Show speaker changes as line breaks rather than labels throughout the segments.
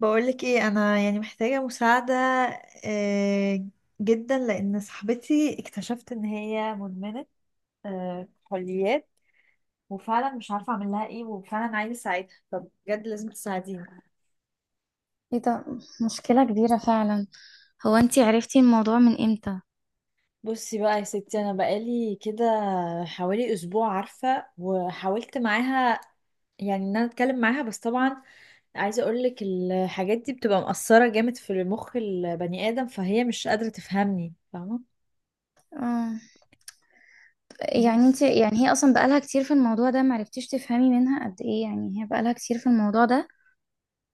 بقولك ايه، انا يعني محتاجة مساعدة آه، جدا لان صاحبتي اكتشفت ان هي مدمنة كحوليات. وفعلا مش عارفة اعمل لها ايه، وفعلا عايزة اساعدها. طب بجد لازم تساعديني.
ايه ده؟ مشكلة كبيرة فعلا. هو انتي عرفتي الموضوع من امتى؟
بصي بقى يا ستي، انا بقالي كده حوالي اسبوع عارفه، وحاولت معاها، يعني ان انا اتكلم معاها، بس طبعا عايزه اقولك الحاجات دي بتبقى مأثره جامد في مخ البني ادم، فهي مش قادره تفهمني فاهمه.
اه، يعني انتي
بس
يعني هي اصلا بقالها كتير في الموضوع ده؟ معرفتيش تفهمي منها قد ايه يعني هي بقالها كتير في الموضوع ده؟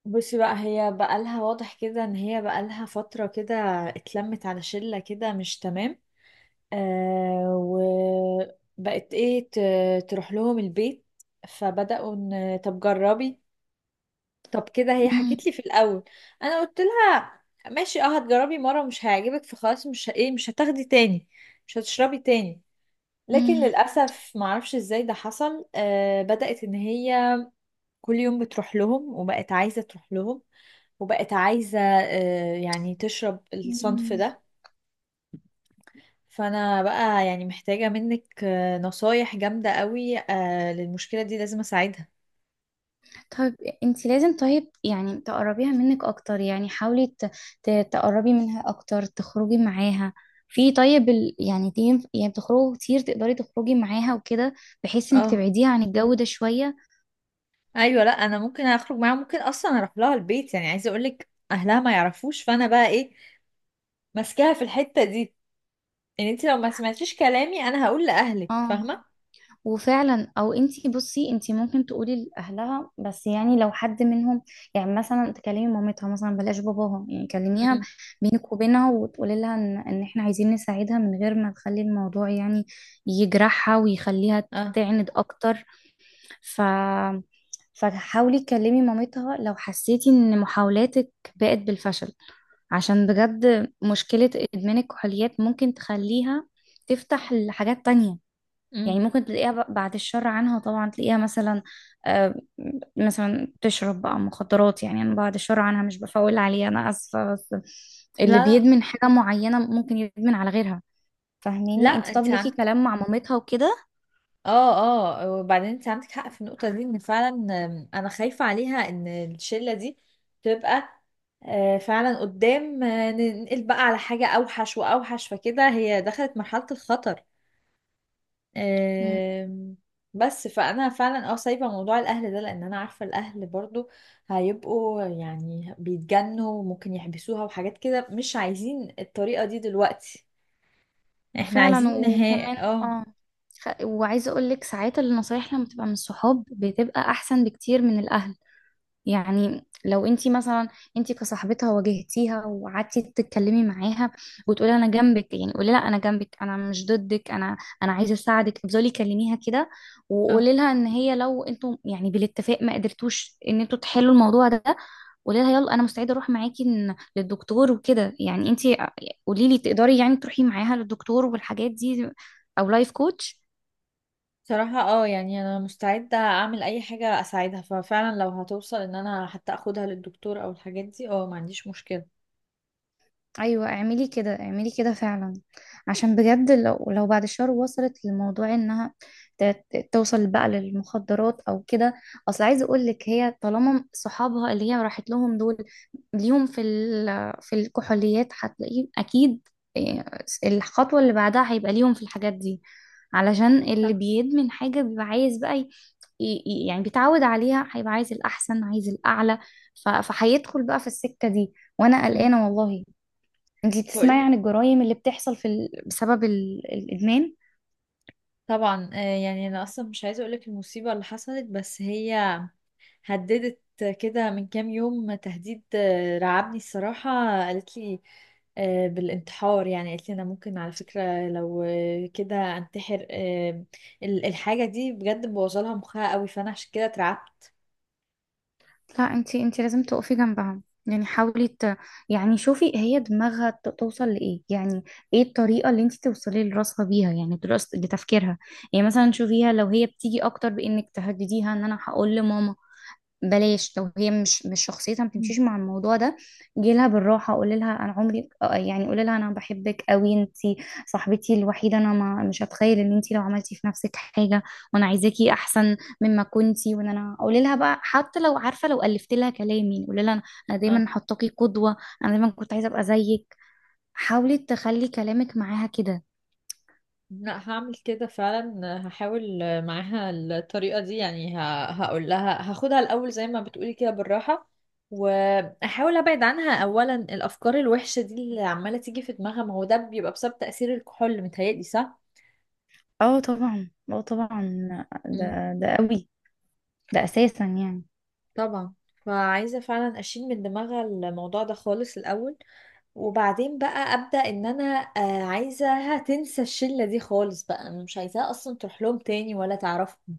بصي بقى، هي بقالها واضح كده ان هي بقالها فترة كده اتلمت على شلة كده مش تمام. وبقت ايه تروح لهم البيت، فبدأوا ان طب جربي. طب كده هي
مم.
حكت لي في الاول. انا قلت لها ماشي، اه، هتجربي مرة مش هيعجبك، فخلاص مش ه- ايه مش هتاخدي تاني، مش هتشربي تاني. لكن
مم.
للأسف معرفش ازاي ده حصل. بدأت ان هي كل يوم بتروح لهم، وبقت عايزة تروح لهم، وبقت عايزة يعني تشرب الصنف
مم.
ده. فأنا بقى يعني محتاجة منك نصايح جامدة قوي للمشكلة دي. لازم أساعدها.
طيب، انتي لازم، طيب يعني تقربيها منك اكتر، يعني حاولي تقربي منها اكتر، تخرجي معاها في، طيب يعني تيم، يعني بتخرجوا كتير، تقدري تخرجي معاها وكده، بحيث انك
اه،
تبعديها عن الجو ده شوية.
أيوة، لأ، أنا ممكن أخرج معاها، ممكن أصلا أروح لها البيت. يعني عايزة أقولك أهلها ما يعرفوش، فأنا بقى إيه ماسكاها في الحتة دي، إن أنت لو ما سمعتيش كلامي أنا هقول لأهلك،
اه،
فاهمة؟
وفعلا، او انتي بصي، انتي ممكن تقولي لاهلها، بس يعني لو حد منهم، يعني مثلا تكلمي مامتها، مثلا بلاش باباها، يعني كلميها
امم.
بينك وبينها وتقولي لها ان ان احنا عايزين نساعدها من غير ما نخلي الموضوع يعني يجرحها ويخليها
اه.
تعند اكتر. ف فحاولي تكلمي مامتها لو حسيتي ان محاولاتك بقت بالفشل، عشان بجد مشكلة ادمان الكحوليات ممكن تخليها تفتح لحاجات تانية.
امم.
يعني ممكن تلاقيها بعد الشر عنها طبعا، تلاقيها مثلا آه، مثلا بتشرب بقى مخدرات، يعني انا بعد الشر عنها، مش بفول عليها، انا اسفه، بس
لا،
اللي
لا،
بيدمن حاجه معينه ممكن يدمن على غيرها.
لا،
فاهميني انت؟ طب
انت
ليكي
عندك.
كلام مع مامتها وكده.
اه، اه، وبعدين انت عندك حق في النقطة دي، ان فعلا انا خايفة عليها ان الشلة دي تبقى فعلا قدام، ننقل بقى على حاجة اوحش واوحش، فكده هي دخلت مرحلة الخطر.
مم.
آم، بس فانا فعلا سايبة موضوع الاهل ده، لان انا عارفة الاهل برضو هيبقوا يعني بيتجنوا، وممكن يحبسوها وحاجات كده. مش عايزين الطريقة دي دلوقتي، احنا
فعلا،
عايزين نهاية.
وكمان
اه.
اه، وعايزه اقول لك ساعات النصايح لما بتبقى من الصحاب بتبقى احسن بكتير من الاهل. يعني لو انت مثلا، انت كصاحبتها واجهتيها وقعدتي تتكلمي معاها وتقولي انا جنبك، يعني قولي لها انا جنبك، انا مش ضدك، انا انا عايزه اساعدك. افضلي كلميها كده
اه،
وقولي لها ان هي لو انتوا يعني بالاتفاق ما قدرتوش ان انتوا تحلوا الموضوع ده، قولي لها يلا انا مستعده اروح معاكي للدكتور وكده. يعني انت قولي لي تقدري يعني تروحي معاها للدكتور والحاجات دي او لايف كوتش؟
صراحة يعني انا مستعدة اعمل اي حاجة اساعدها، ففعلا لو هتوصل ان انا حتى اخدها للدكتور او الحاجات دي ما عنديش مشكلة.
ايوه اعملي كده، اعملي كده فعلا، عشان بجد لو لو بعد شهر وصلت للموضوع انها ت- توصل بقى للمخدرات او كده. اصل عايزه اقول لك هي طالما صحابها اللي هي راحت لهم دول ليهم في في الكحوليات، هتلاقيه اكيد إيه، الخطوه اللي بعدها هيبقى ليهم في الحاجات دي، علشان اللي
صح.
بيدمن حاجه بيبقى عايز بقى، يعني بيتعود عليها، هيبقى عايز الاحسن، عايز الاعلى. فهيدخل بقى في السكه دي، وانا
امم
قلقانه والله. انتي بتسمعي
بقولك
عن الجرائم اللي بتحصل في بسبب الإدمان؟
طبعا، يعني انا اصلا مش عايزة اقولك المصيبة اللي حصلت، بس هي هددت كده من كام يوم تهديد رعبني الصراحة. قالت لي بالانتحار، يعني قالت لي انا ممكن على فكرة لو كده انتحر. الحاجة دي بجد مبوظة لها مخها قوي، فانا عشان كده
لا، انتي انتي لازم تقفي جنبهم، يعني حاولي يعني شوفي هي دماغها توصل لإيه، يعني ايه الطريقة اللي انتي توصلي لراسها بيها، يعني دراسة لتفكيرها. يعني مثلا شوفيها لو هي بتيجي اكتر بإنك تهدديها ان انا هقول لماما، بلاش لو هي مش مش شخصيتها ما
اترعبت.
بتمشيش مع الموضوع ده. جيلها بالراحه، قولي لها انا عمري آه، يعني قولي لها انا بحبك قوي، انت صاحبتي الوحيده، انا ما مش هتخيل ان انت لو عملتي في نفسك حاجه، وانا عايزاكي احسن مما كنتي، وان انا قولي لها بقى حتى لو عارفه لو الفت لها كلامي، قولي لها انا أنا دايما حطاكي قدوه، انا دايما كنت عايزه ابقى زيك. حاولي تخلي كلامك معاها كده.
لا، هعمل كده فعلا، هحاول معاها الطريقة دي. يعني هقول لها هاخدها الأول زي ما بتقولي كده بالراحة، وأحاول أبعد عنها أولا الأفكار الوحشة دي اللي عمالة تيجي في دماغها. ما هو ده بيبقى بسبب تأثير الكحول، متهيألي صح؟
اه طبعا، اه طبعا،
مم.
ده ده قوي، ده اساسا يعني.
طبعا. فعايزة فعلا أشيل من دماغها الموضوع ده خالص الأول، وبعدين بقى أبدأ إن أنا عايزاها تنسى الشلة دي خالص بقى، أنا مش عايزاها أصلا تروح لهم تاني ولا تعرفهم.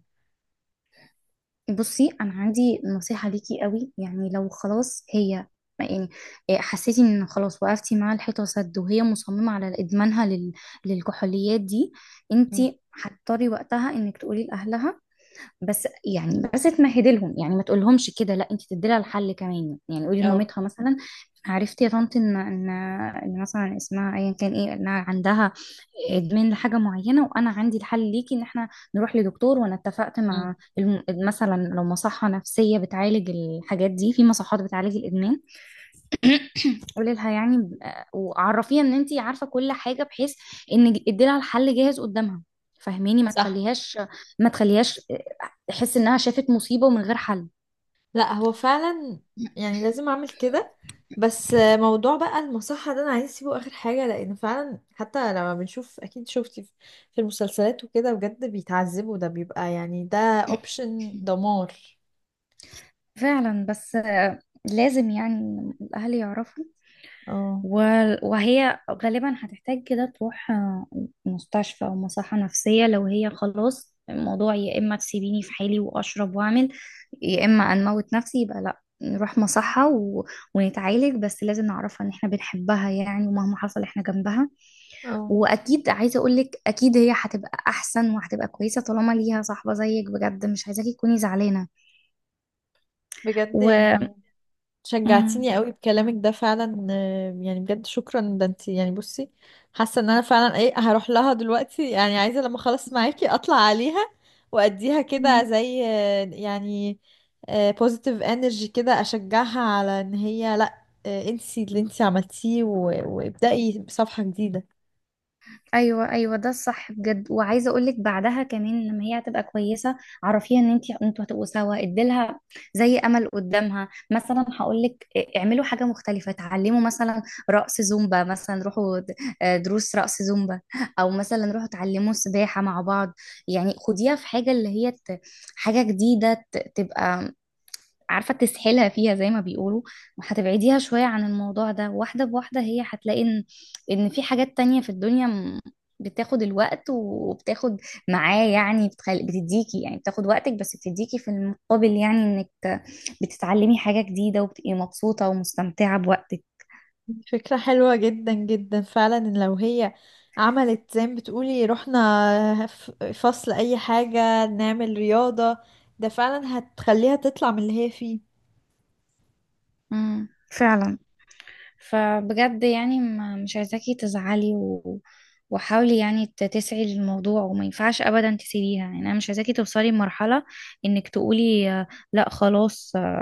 بصي انا عندي نصيحة ليكي قوي، يعني لو خلاص هي يعني إيه، حسيتي ان خلاص وقفتي مع الحيطة سد، وهي مصممة على ادمانها للكحوليات دي،
مم.
انتي هتضطري وقتها انك تقولي لاهلها، بس يعني بس تمهدي لهم، يعني ما تقولهمش كده، لا انتي تدي لها الحل كمان، يعني قولي
أو.
لمامتها مثلا عرفتي يا طنط ان ان إن مثلا اسمها ايا كان ايه انها عندها ادمان لحاجه معينه، وانا عندي الحل ليكي ان احنا نروح لدكتور، وانا اتفقت مع
مم.
مثلا لو مصحه نفسيه بتعالج الحاجات دي، في مصحات بتعالج الادمان. قولي لها يعني وعرفيها ان انت عارفه كل حاجه، بحيث ان ادي لها الحل جاهز قدامها. فهميني، ما
صح.
تخليهاش، ما تخليهاش تحس انها شافت مصيبه ومن غير حل.
لا هو فعلا يعني لازم اعمل كده. بس موضوع بقى المصحة ده انا عايز اسيبه اخر حاجة، لان فعلا حتى لما بنشوف اكيد شفتي في المسلسلات وكده بجد بيتعذبوا، ده بيبقى يعني ده اوبشن دمار.
فعلا بس آه، لازم يعني الأهل يعرفوا،
اه.
وهي غالبا هتحتاج كده تروح آه، مستشفى أو مصحة نفسية. لو هي خلاص الموضوع يا إما تسيبيني في حالي وأشرب وأعمل، يا إما أنموت نفسي، يبقى لأ، نروح مصحة ونتعالج، بس لازم نعرفها إن إحنا بنحبها يعني، ومهما حصل إحنا جنبها.
اه،
وأكيد عايزة أقولك أكيد هي هتبقى أحسن وهتبقى كويسة طالما ليها صاحبة زيك. بجد مش عايزاكي تكوني زعلانة
بجد
و...
يعني شجعتيني قوي بكلامك ده فعلا، يعني بجد شكرا. ده انت، يعني بصي، حاسه ان انا فعلا ايه هروح لها دلوقتي، يعني عايزه لما اخلص معاكي اطلع عليها، واديها كده
مم.
زي يعني بوزيتيف انرجي كده، اشجعها على ان هي لا، انسي اللي انت عملتيه، وابدأي صفحه جديده.
ايوه ايوه، ده الصح بجد. وعايزه اقول لك بعدها كمان لما هي هتبقى كويسه، عرفيها ان انت انتوا هتبقوا سوا، اديلها زي امل قدامها. مثلا هقول لك اعملوا حاجه مختلفه، اتعلموا مثلا رقص زومبا، مثلا روحوا آه، دروس رقص زومبا، او مثلا روحوا اتعلموا سباحه مع بعض. يعني خديها في حاجه، اللي هي حاجه جديده تبقى عارفة تسحلها فيها زي ما بيقولوا. هتبعديها شوية عن الموضوع ده، واحدة بواحدة هي هتلاقي ان ان في حاجات تانية في الدنيا بتاخد الوقت وبتاخد معاه، يعني بتديكي يعني، بتاخد وقتك بس بتديكي في المقابل، يعني انك بتتعلمي حاجة جديدة وبتبقي مبسوطة ومستمتعة بوقتك.
فكرة حلوة جدا جدا فعلا، إن لو هي عملت زي ما بتقولي رحنا فصل أي حاجة، نعمل رياضة. ده فعلا هتخليها تطلع من اللي هي فيه.
امم، فعلا. فبجد يعني مش عايزاكي تزعلي وحاولي يعني تسعي للموضوع، وما ينفعش ابدا تسيبيها. يعني انا مش عايزاكي توصلي لمرحله انك تقولي آه، لا خلاص، آه،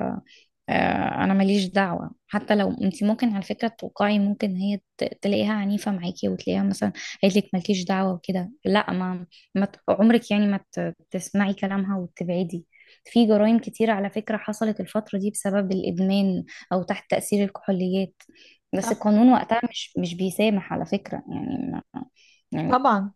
انا ماليش دعوه. حتى لو انت ممكن على فكره توقعي، ممكن هي تلاقيها عنيفه معاكي، وتلاقيها مثلا قالت لك مالكيش دعوه وكده، لا ما, ما عمرك يعني ما تسمعي كلامها وتبعدي. في جرائم كتير على فكره حصلت الفتره دي بسبب الادمان او تحت تاثير الكحوليات، بس
صح.
القانون وقتها مش مش بيسامح على فكره، يعني ما يعني،
طبعا.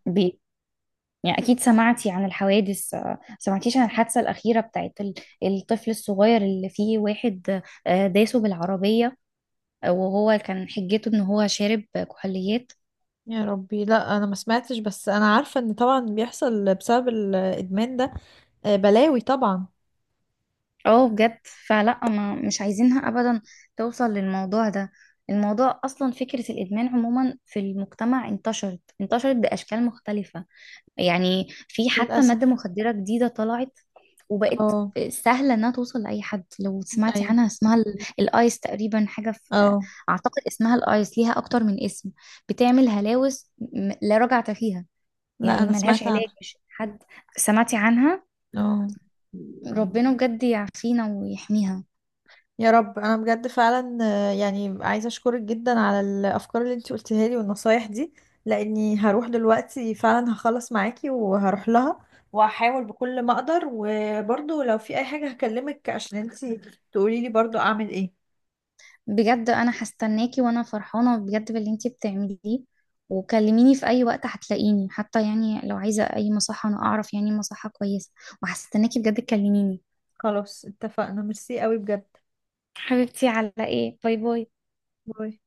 يعني أكيد سمعتي عن الحوادث آه، سمعتيش عن الحادثة الأخيرة بتاعت الطفل الصغير اللي فيه واحد آه، داسه بالعربية آه، وهو كان حجته إن هو شارب كحوليات؟
يا ربي، لا أنا ما سمعتش، بس أنا عارفة إن طبعا بيحصل بسبب الإدمان ده بلاوي طبعا.
اه بجد، فلا ما مش عايزينها أبدا توصل للموضوع ده. الموضوع أصلا فكرة الإدمان عموما في المجتمع انتشرت، انتشرت بأشكال مختلفة. يعني في حتى مادة
للأسف.
مخدرة جديدة طلعت وبقت
اه.
سهلة انها توصل لأي حد. لو سمعتي
أيوه.
عنها اسمها الايس تقريبا، حاجة في
اه.
اعتقد اسمها الايس، ليها اكتر من اسم، بتعمل هلاوس لا رجعة فيها،
لا
يعني
أنا
ملهاش
سمعت
علاج.
عنها.
مش حد سمعتي عنها؟
اه.
ربنا بجد يعافينا ويحميها.
يا رب، انا بجد فعلا يعني عايزه اشكرك جدا على الافكار اللي انت قلتها لي والنصايح دي، لاني هروح دلوقتي فعلا، هخلص معاكي وهروح لها، وهحاول بكل ما اقدر. وبرضو لو في اي حاجه هكلمك عشان انت تقولي لي برضو اعمل ايه.
بجد انا هستناكي، وانا فرحانه بجد باللي انتي بتعمليه، وكلميني في اي وقت هتلاقيني. حتى يعني لو عايزه اي مصحه، انا اعرف يعني مصحه كويسه، وهستناكي بجد تكلميني.
خلاص اتفقنا. ميرسي قوي بجد.
حبيبتي، على ايه، باي باي.
باي.